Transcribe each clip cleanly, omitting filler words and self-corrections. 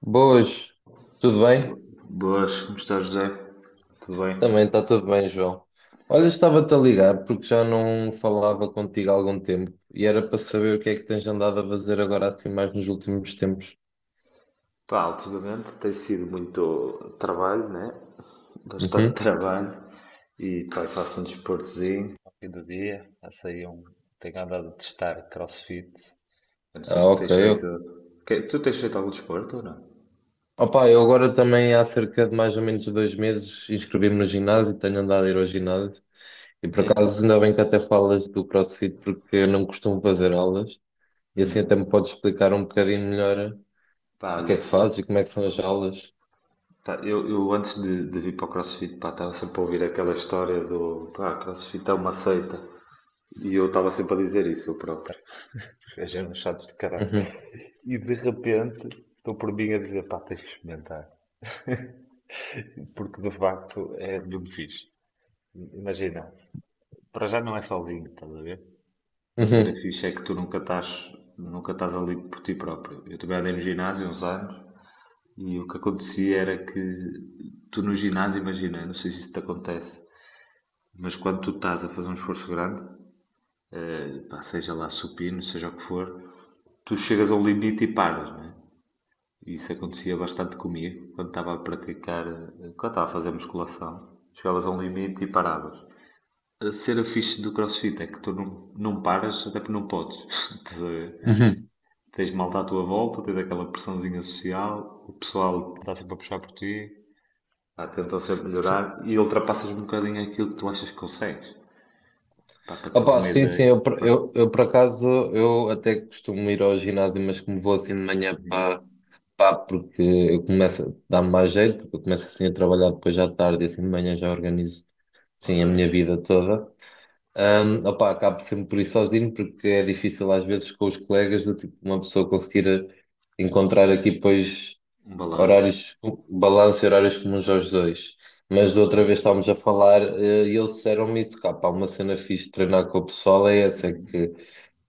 Boas, tudo bem? Boas, como está José? Tudo bem? Também está tudo bem, João. Olha, estava-te a ligar porque já não falava contigo há algum tempo e era para saber o que é que tens andado a fazer agora assim mais nos últimos tempos. Pá, ultimamente tem sido muito trabalho, né? Bastante Uhum. trabalho e pá, faço um desportozinho ao fim do dia. Faço aí um... Tenho andado a testar CrossFit. Eu não sei Ah, se ok. tens feito... Tu tens feito algum desporto ou não? Opa, eu agora também há cerca de mais ou menos 2 meses inscrevi-me no ginásio, tenho andado a ir ao ginásio e por É? acaso ainda bem que até falas do CrossFit porque eu não costumo fazer aulas e assim até me Hum. podes explicar um bocadinho melhor Pá, o que é olha, que fazes e como é que são as aulas. pá, eu antes de vir para o CrossFit, pá, estava sempre a ouvir aquela história do, pá, CrossFit é uma seita. E eu estava sempre a dizer isso, eu próprio. A gente é um chato de caralho. Uhum, E de repente estou por mim a dizer, pá, tens que experimentar. Porque de facto é mesmo fixe. Imagina, para já não é sozinho, estás a ver? Uma cena uhum, fixe é que tu nunca estás, nunca estás ali por ti próprio. Eu também andei no ginásio uns anos e o que acontecia era que tu no ginásio, imagina, não sei se isso te acontece, mas quando tu estás a fazer um esforço grande, pá, seja lá supino, seja o que for, tu chegas a um limite e paras, não é? Isso acontecia bastante comigo quando estava a praticar, quando estava a fazer musculação. Chegavas a um limite e paravas. A cena fixe do crossfit é que tu não paras, até porque não podes. Estás a ver? uhum. Tens malta à tua volta, tens aquela pressãozinha social, o pessoal está sempre a puxar por ti, pá, tentam sempre melhorar e ultrapassas um bocadinho aquilo que tu achas que consegues. Pá, para teres Opa, uma sim, sim, ideia. eu, por- Força. eu, eu por acaso eu até costumo ir ao ginásio, mas como vou assim de manhã para pá, porque eu começo a dar-me mais jeito, porque eu começo assim a trabalhar depois já tarde e assim de manhã já organizo sim Ok. a minha vida toda. Opa, acabo sempre por ir sozinho porque é difícil às vezes com os colegas do tipo uma pessoa conseguir encontrar aqui depois. Um balanço. Horários, balanço e horários comuns aos dois. Mas da Ok. outra vez estávamos a falar, e eles disseram-me isso, cá, pá, uma cena fixe de treinar com o pessoal é essa, é que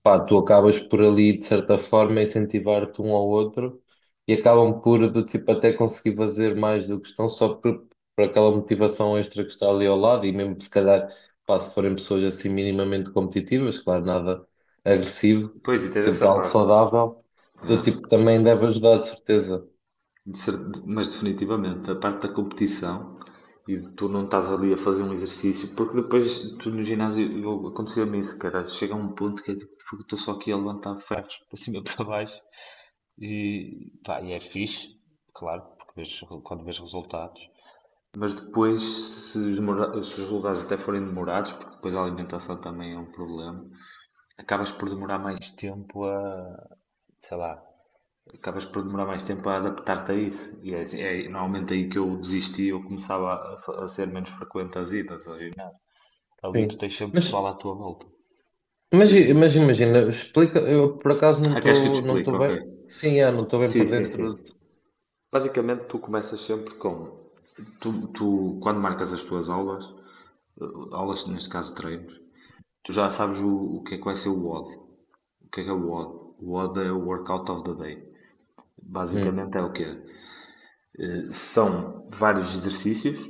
pá, tu acabas por ali, de certa forma, incentivar-te um ao outro e acabam por, do tipo, até conseguir fazer mais do que estão só por aquela motivação extra que está ali ao lado e mesmo se calhar, pá, se forem pessoas assim minimamente competitivas, claro, nada agressivo, Pois, e tens sempre essa algo parte. saudável, do Yeah. tipo, também deve ajudar, de certeza. Mas definitivamente, a parte da competição e tu não estás ali a fazer um exercício, porque depois tu no ginásio eu- acontecia-me isso, cara. Chega a um ponto que é tipo, porque estou só aqui a levantar ferros para cima e para baixo e, pá, e é fixe, claro, porque quando vês resultados, mas depois se os resultados até forem demorados, porque depois a alimentação também é um problema, acabas por demorar mais tempo a, sei lá, acabas por demorar mais tempo a adaptar-te a isso. E é, é normalmente aí que eu desisti, eu começava a ser menos frequente as idas ao ginásio. Ali tu Sim. tens sempre Mas, pessoal à tua volta. mas, Diz aí. mas imagina, explica, eu por acaso não Ah, queres que eu te estou não explique? estou Ok. bem. Sim, é, não estou bem Sim, por sim, sim. dentro. Basicamente tu começas sempre com... Tu, quando marcas as tuas aulas, aulas neste caso treinos, tu já sabes o que é que vai ser o WOD. O D. O que é o WOD? O WOD é o Workout of the Day. Hum, Basicamente é o quê? São vários exercícios.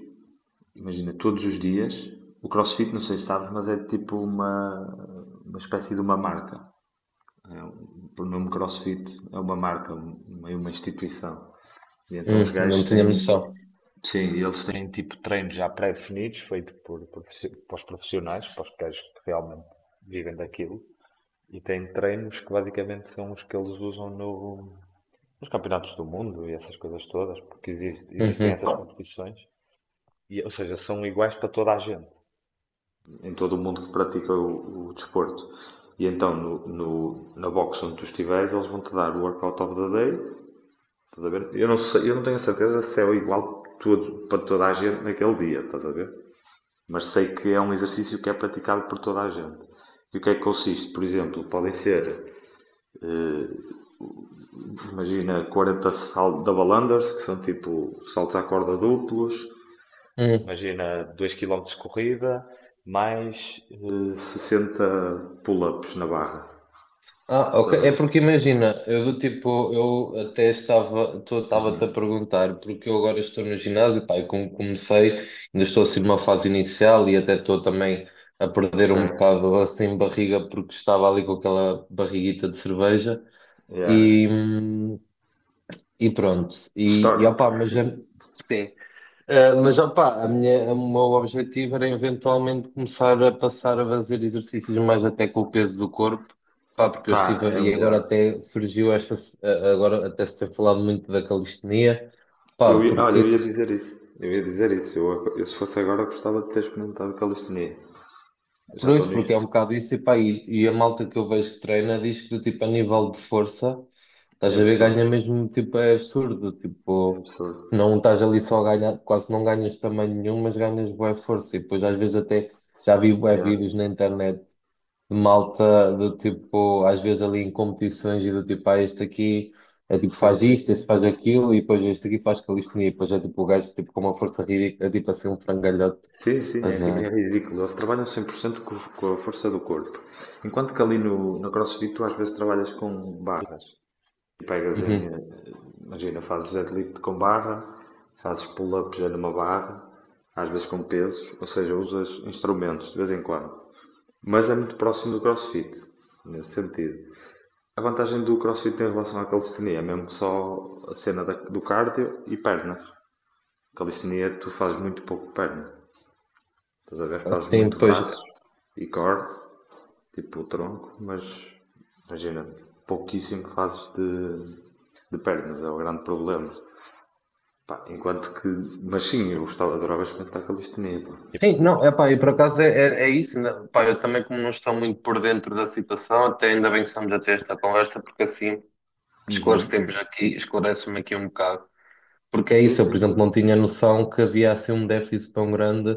Imagina, todos os dias, o CrossFit, não sei se sabes, mas é tipo uma espécie de uma marca. O nome CrossFit é uma marca, meio uma instituição. E então os não gajos tinha têm, noção. sim, eles têm tipo treinos já pré-definidos, feito para os profissionais, para os gajos que realmente vivem daquilo. E têm treinos que basicamente são os que eles usam no, nos campeonatos do mundo e essas coisas todas, porque existem Uhum, essas competições. E, ou seja, são iguais para toda a gente em todo o mundo que pratica o desporto. E então na box onde tu estiveres, eles vão te dar o workout of the day. Estás a ver? Eu não sei, eu não tenho a certeza se é o igual para toda a gente naquele dia, estás a ver? Mas sei que é um exercício que é praticado por toda a gente. E o que é que consiste? Por exemplo, podem ser, eh, imagina, 40 saltos double unders, que são tipo saltos à corda duplos. uhum. Imagina 2 quilómetros de corrida, mais 60 pull-ups na barra. Ah, ok. Estás a É ver? porque imagina, eu do tipo, eu até estava, estava-te a perguntar, porque eu agora estou no ginásio, pá, e como comecei, ainda estou assim numa fase inicial e até estou também a perder Ok. um bocado assim barriga porque estava ali com aquela barriguita de cerveja. Yeah. E, hum, E pronto, e Histórico. opá, sim. Ah, mas opá, a minha, o meu objetivo era eventualmente começar a passar a fazer exercícios mais até com o peso do corpo, pá, porque eu Pá, estive, é o e agora melhor. até surgiu esta, agora até se tem falado muito da calistenia, pá, Olha, porque eu ia dizer isso. Eu ia dizer isso. Eu, se fosse agora, gostava de ter experimentado calistenia. Eu já estou pois, porque é um nisto. bocado isso, e, pá, e a malta que eu vejo que treina diz que, do tipo, a nível de força, É estás a ver, absurdo. ganha mesmo, tipo, é absurdo, É tipo, absurdo. não estás ali só a ganhar, quase não ganhas tamanho nenhum, mas ganhas boa força, e depois às vezes até, já vi bué Yeah. vídeos na internet de malta, do tipo, às vezes ali em competições, e do tipo, ah, este aqui, é tipo, Sim, faz sim, isto, este sim. faz aquilo, e depois este aqui faz calistenia, e depois é tipo, o gajo, tipo, com uma força ridícula, é tipo assim, um frangalhote, Sim, sim, é, mas é. é ridículo. Eles trabalham 100% com a força do corpo. Enquanto que ali no CrossFit tu às vezes trabalhas com barras. Pegas em, Uhum. Imagina, fazes deadlift com barra, fazes pull-up já numa barra, às vezes com pesos, ou seja, usas instrumentos de vez em quando. Mas é muito próximo do CrossFit, nesse sentido. A vantagem do CrossFit em relação à calistenia é mesmo só a cena do cardio e pernas. Calistenia, tu fazes muito pouco perna. Estás a ver? Fazes Sim, muito pois. braço e core, tipo o tronco, mas imagina, pouquíssimo fazes de pernas, é o grande problema. Pá, enquanto que. Mas sim, eu gostava, adorava experimentar calistenia, pá. Sim, não, é pá, e por acaso é isso, né? Pá, eu também como não estou muito por dentro da situação, até ainda bem que estamos a ter esta conversa, porque assim Uhum. esclarecemos aqui, esclarece-me aqui um bocado. Porque é Sim, isso, eu, sim, por exemplo, não sim. tinha noção que havia assim um déficit tão grande,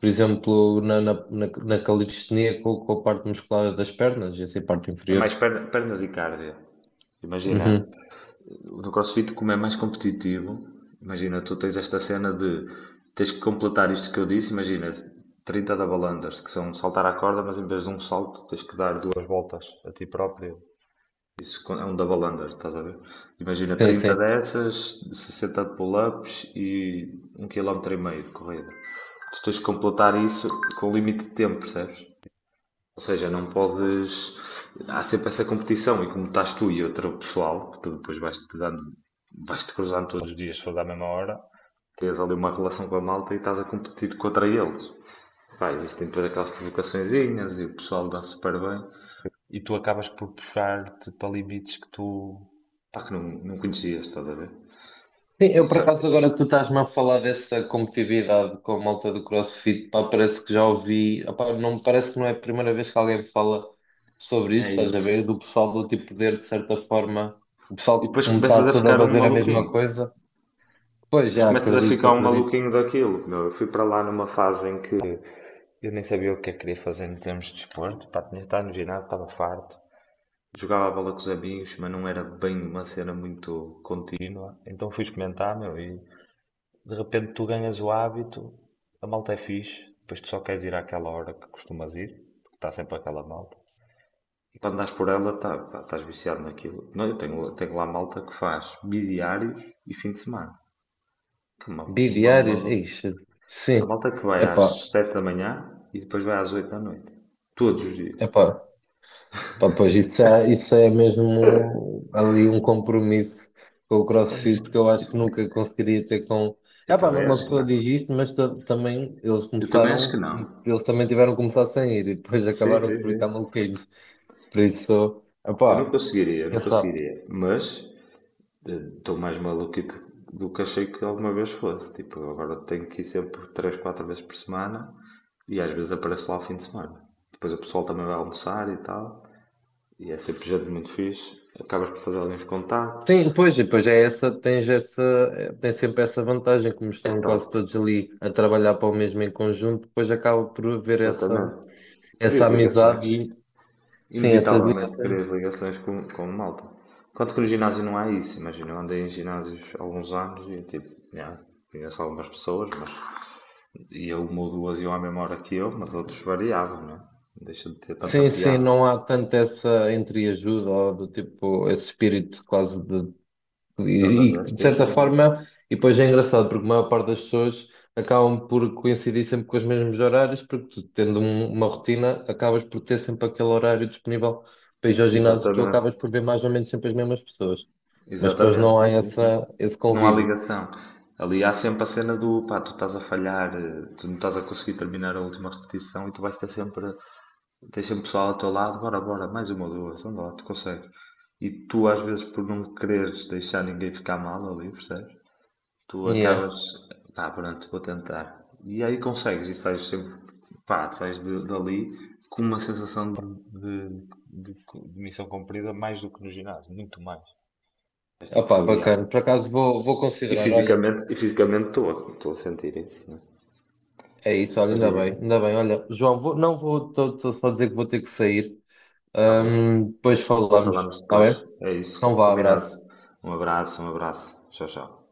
por exemplo, na calistenia com a parte muscular das pernas, e assim, a parte É mais inferior. Pernas e cardio. Imagina, Uhum. no CrossFit, como é mais competitivo, imagina, tu tens esta cena de tens que completar isto que eu disse. Imagina, 30 double unders, que são saltar à corda, mas em vez de um salto, tens que dar duas voltas a ti próprio. É um double under, estás a ver? Imagina Sim, 30 sim. dessas, 60 de pull-ups e um quilómetro e meio de corrida. Tu tens que completar isso com limite de tempo, percebes? Ou seja, não podes. Há sempre essa competição e como estás tu e outro pessoal, que tu depois vais-te dando, vais-te cruzando todos os dias, se for à mesma hora, tens ali uma relação com a malta e estás a competir contra eles. Pá, existem depois aquelas provocaçõezinhas e o pessoal dá super bem e tu acabas por puxar-te para limites que tu. Pá, que não conhecias, estás a ver? Sim, E eu por acaso sabe- agora que tu estás-me a falar dessa competitividade com a malta do CrossFit, pá, parece que já ouvi, opá, não, parece que não é a primeira vez que alguém me fala sobre isso, É estás a isso. ver? Do pessoal do tipo poder, de certa forma, o E pessoal depois que me está começas a todo a ficar um fazer a maluquinho. mesma coisa. Pois Depois já começas a acredito, ficar um acredito. maluquinho daquilo. Meu, eu fui para lá numa fase em que eu nem sabia o que é que queria fazer em termos de desporto. Pá, tinha estado no ginásio, estava farto. Jogava a bola com os amigos, mas não era bem uma cena muito contínua. Então fui experimentar, meu, e de repente tu ganhas o hábito, a malta é fixe, depois tu só queres ir àquela hora que costumas ir, porque está sempre aquela malta. E quando andas por ela, tá, pá, estás viciado naquilo. Não, eu tenho lá malta que faz bidiários e fim de semana. Que é uma, uma. Bidiários, ixi, Há sim, malta que vai epá, às 7 da manhã e depois vai às 8 da noite. Todos os dias. epá. Pá, pois isso é mesmo ali um compromisso com o CrossFit que eu acho que nunca conseguiria ter com. Eu É pá, também uma acho que pessoa não. diz isso, mas também eles Eu também acho que começaram, não. eles também tiveram que começar sem ir e depois Sim, acabaram sim, por ficar sim. maluquinhos. Por isso, é Eu não pá, conseguiria, eu não quem sabe? conseguiria. Mas estou mais maluquito do que achei que alguma vez fosse. Tipo, agora tenho que ir sempre 3, 4 vezes por semana e às vezes apareço lá ao fim de semana. Depois o pessoal também vai almoçar e tal, e é sempre gente muito fixe. Acabas por fazer alguns contactos, Sim, pois, e depois é essa, tens essa, tens sempre essa vantagem, como é estão top, quase todos ali a trabalhar para o mesmo em conjunto, depois acaba por haver essa, exatamente. essa Crias ligações, amizade e sim, essas inevitavelmente ligações. crias ligações com malta. Enquanto que no ginásio não há isso, imagina, eu andei em ginásios há alguns anos e tipo, yeah, conheço algumas pessoas, mas e ele uma ou duas iam à mesma hora que eu, mas outros variavam, né? Deixa de ter tanta Sim, sim, piada. não há tanto essa entreajuda ou do tipo esse espírito quase de. Exatamente, De sim, certa sim, sim. forma, e depois é engraçado porque a maior parte das pessoas acabam por coincidir sempre com os mesmos horários, porque tu, tendo uma rotina, acabas por ter sempre aquele horário disponível para ir ao ginásio, tu acabas por Exatamente, ver mais ou menos sempre as mesmas pessoas, mas depois exatamente, não há sim, sim, sim. essa, esse Não há convívio. ligação. Ali há sempre a cena do pá, tu estás a falhar, tu não estás a conseguir terminar a última repetição e tu vais ter sempre, tens sempre pessoal ao teu lado, bora, bora, mais uma ou duas, anda lá, tu consegues. E tu às vezes por não quereres deixar ninguém ficar mal ali, percebes? Tu Yeah. acabas, pá, pronto, vou tentar. E aí consegues, e sais sempre, pá, sais dali com uma sensação de- de missão cumprida mais do que no ginásio, muito mais. És tipo Opa, bacana. fogueado. Por acaso vou, vou E considerar, olha, fisicamente, e fisicamente estou a sentir isso, né? é isso, olha, Mas dizes, ainda bem, olha, João, vou, não vou, estou só a dizer que vou ter que sair. está bem, Depois falamos, falamos está depois, bem? é Então isso, vá, combinado. abraço. Um abraço, tchau, tchau.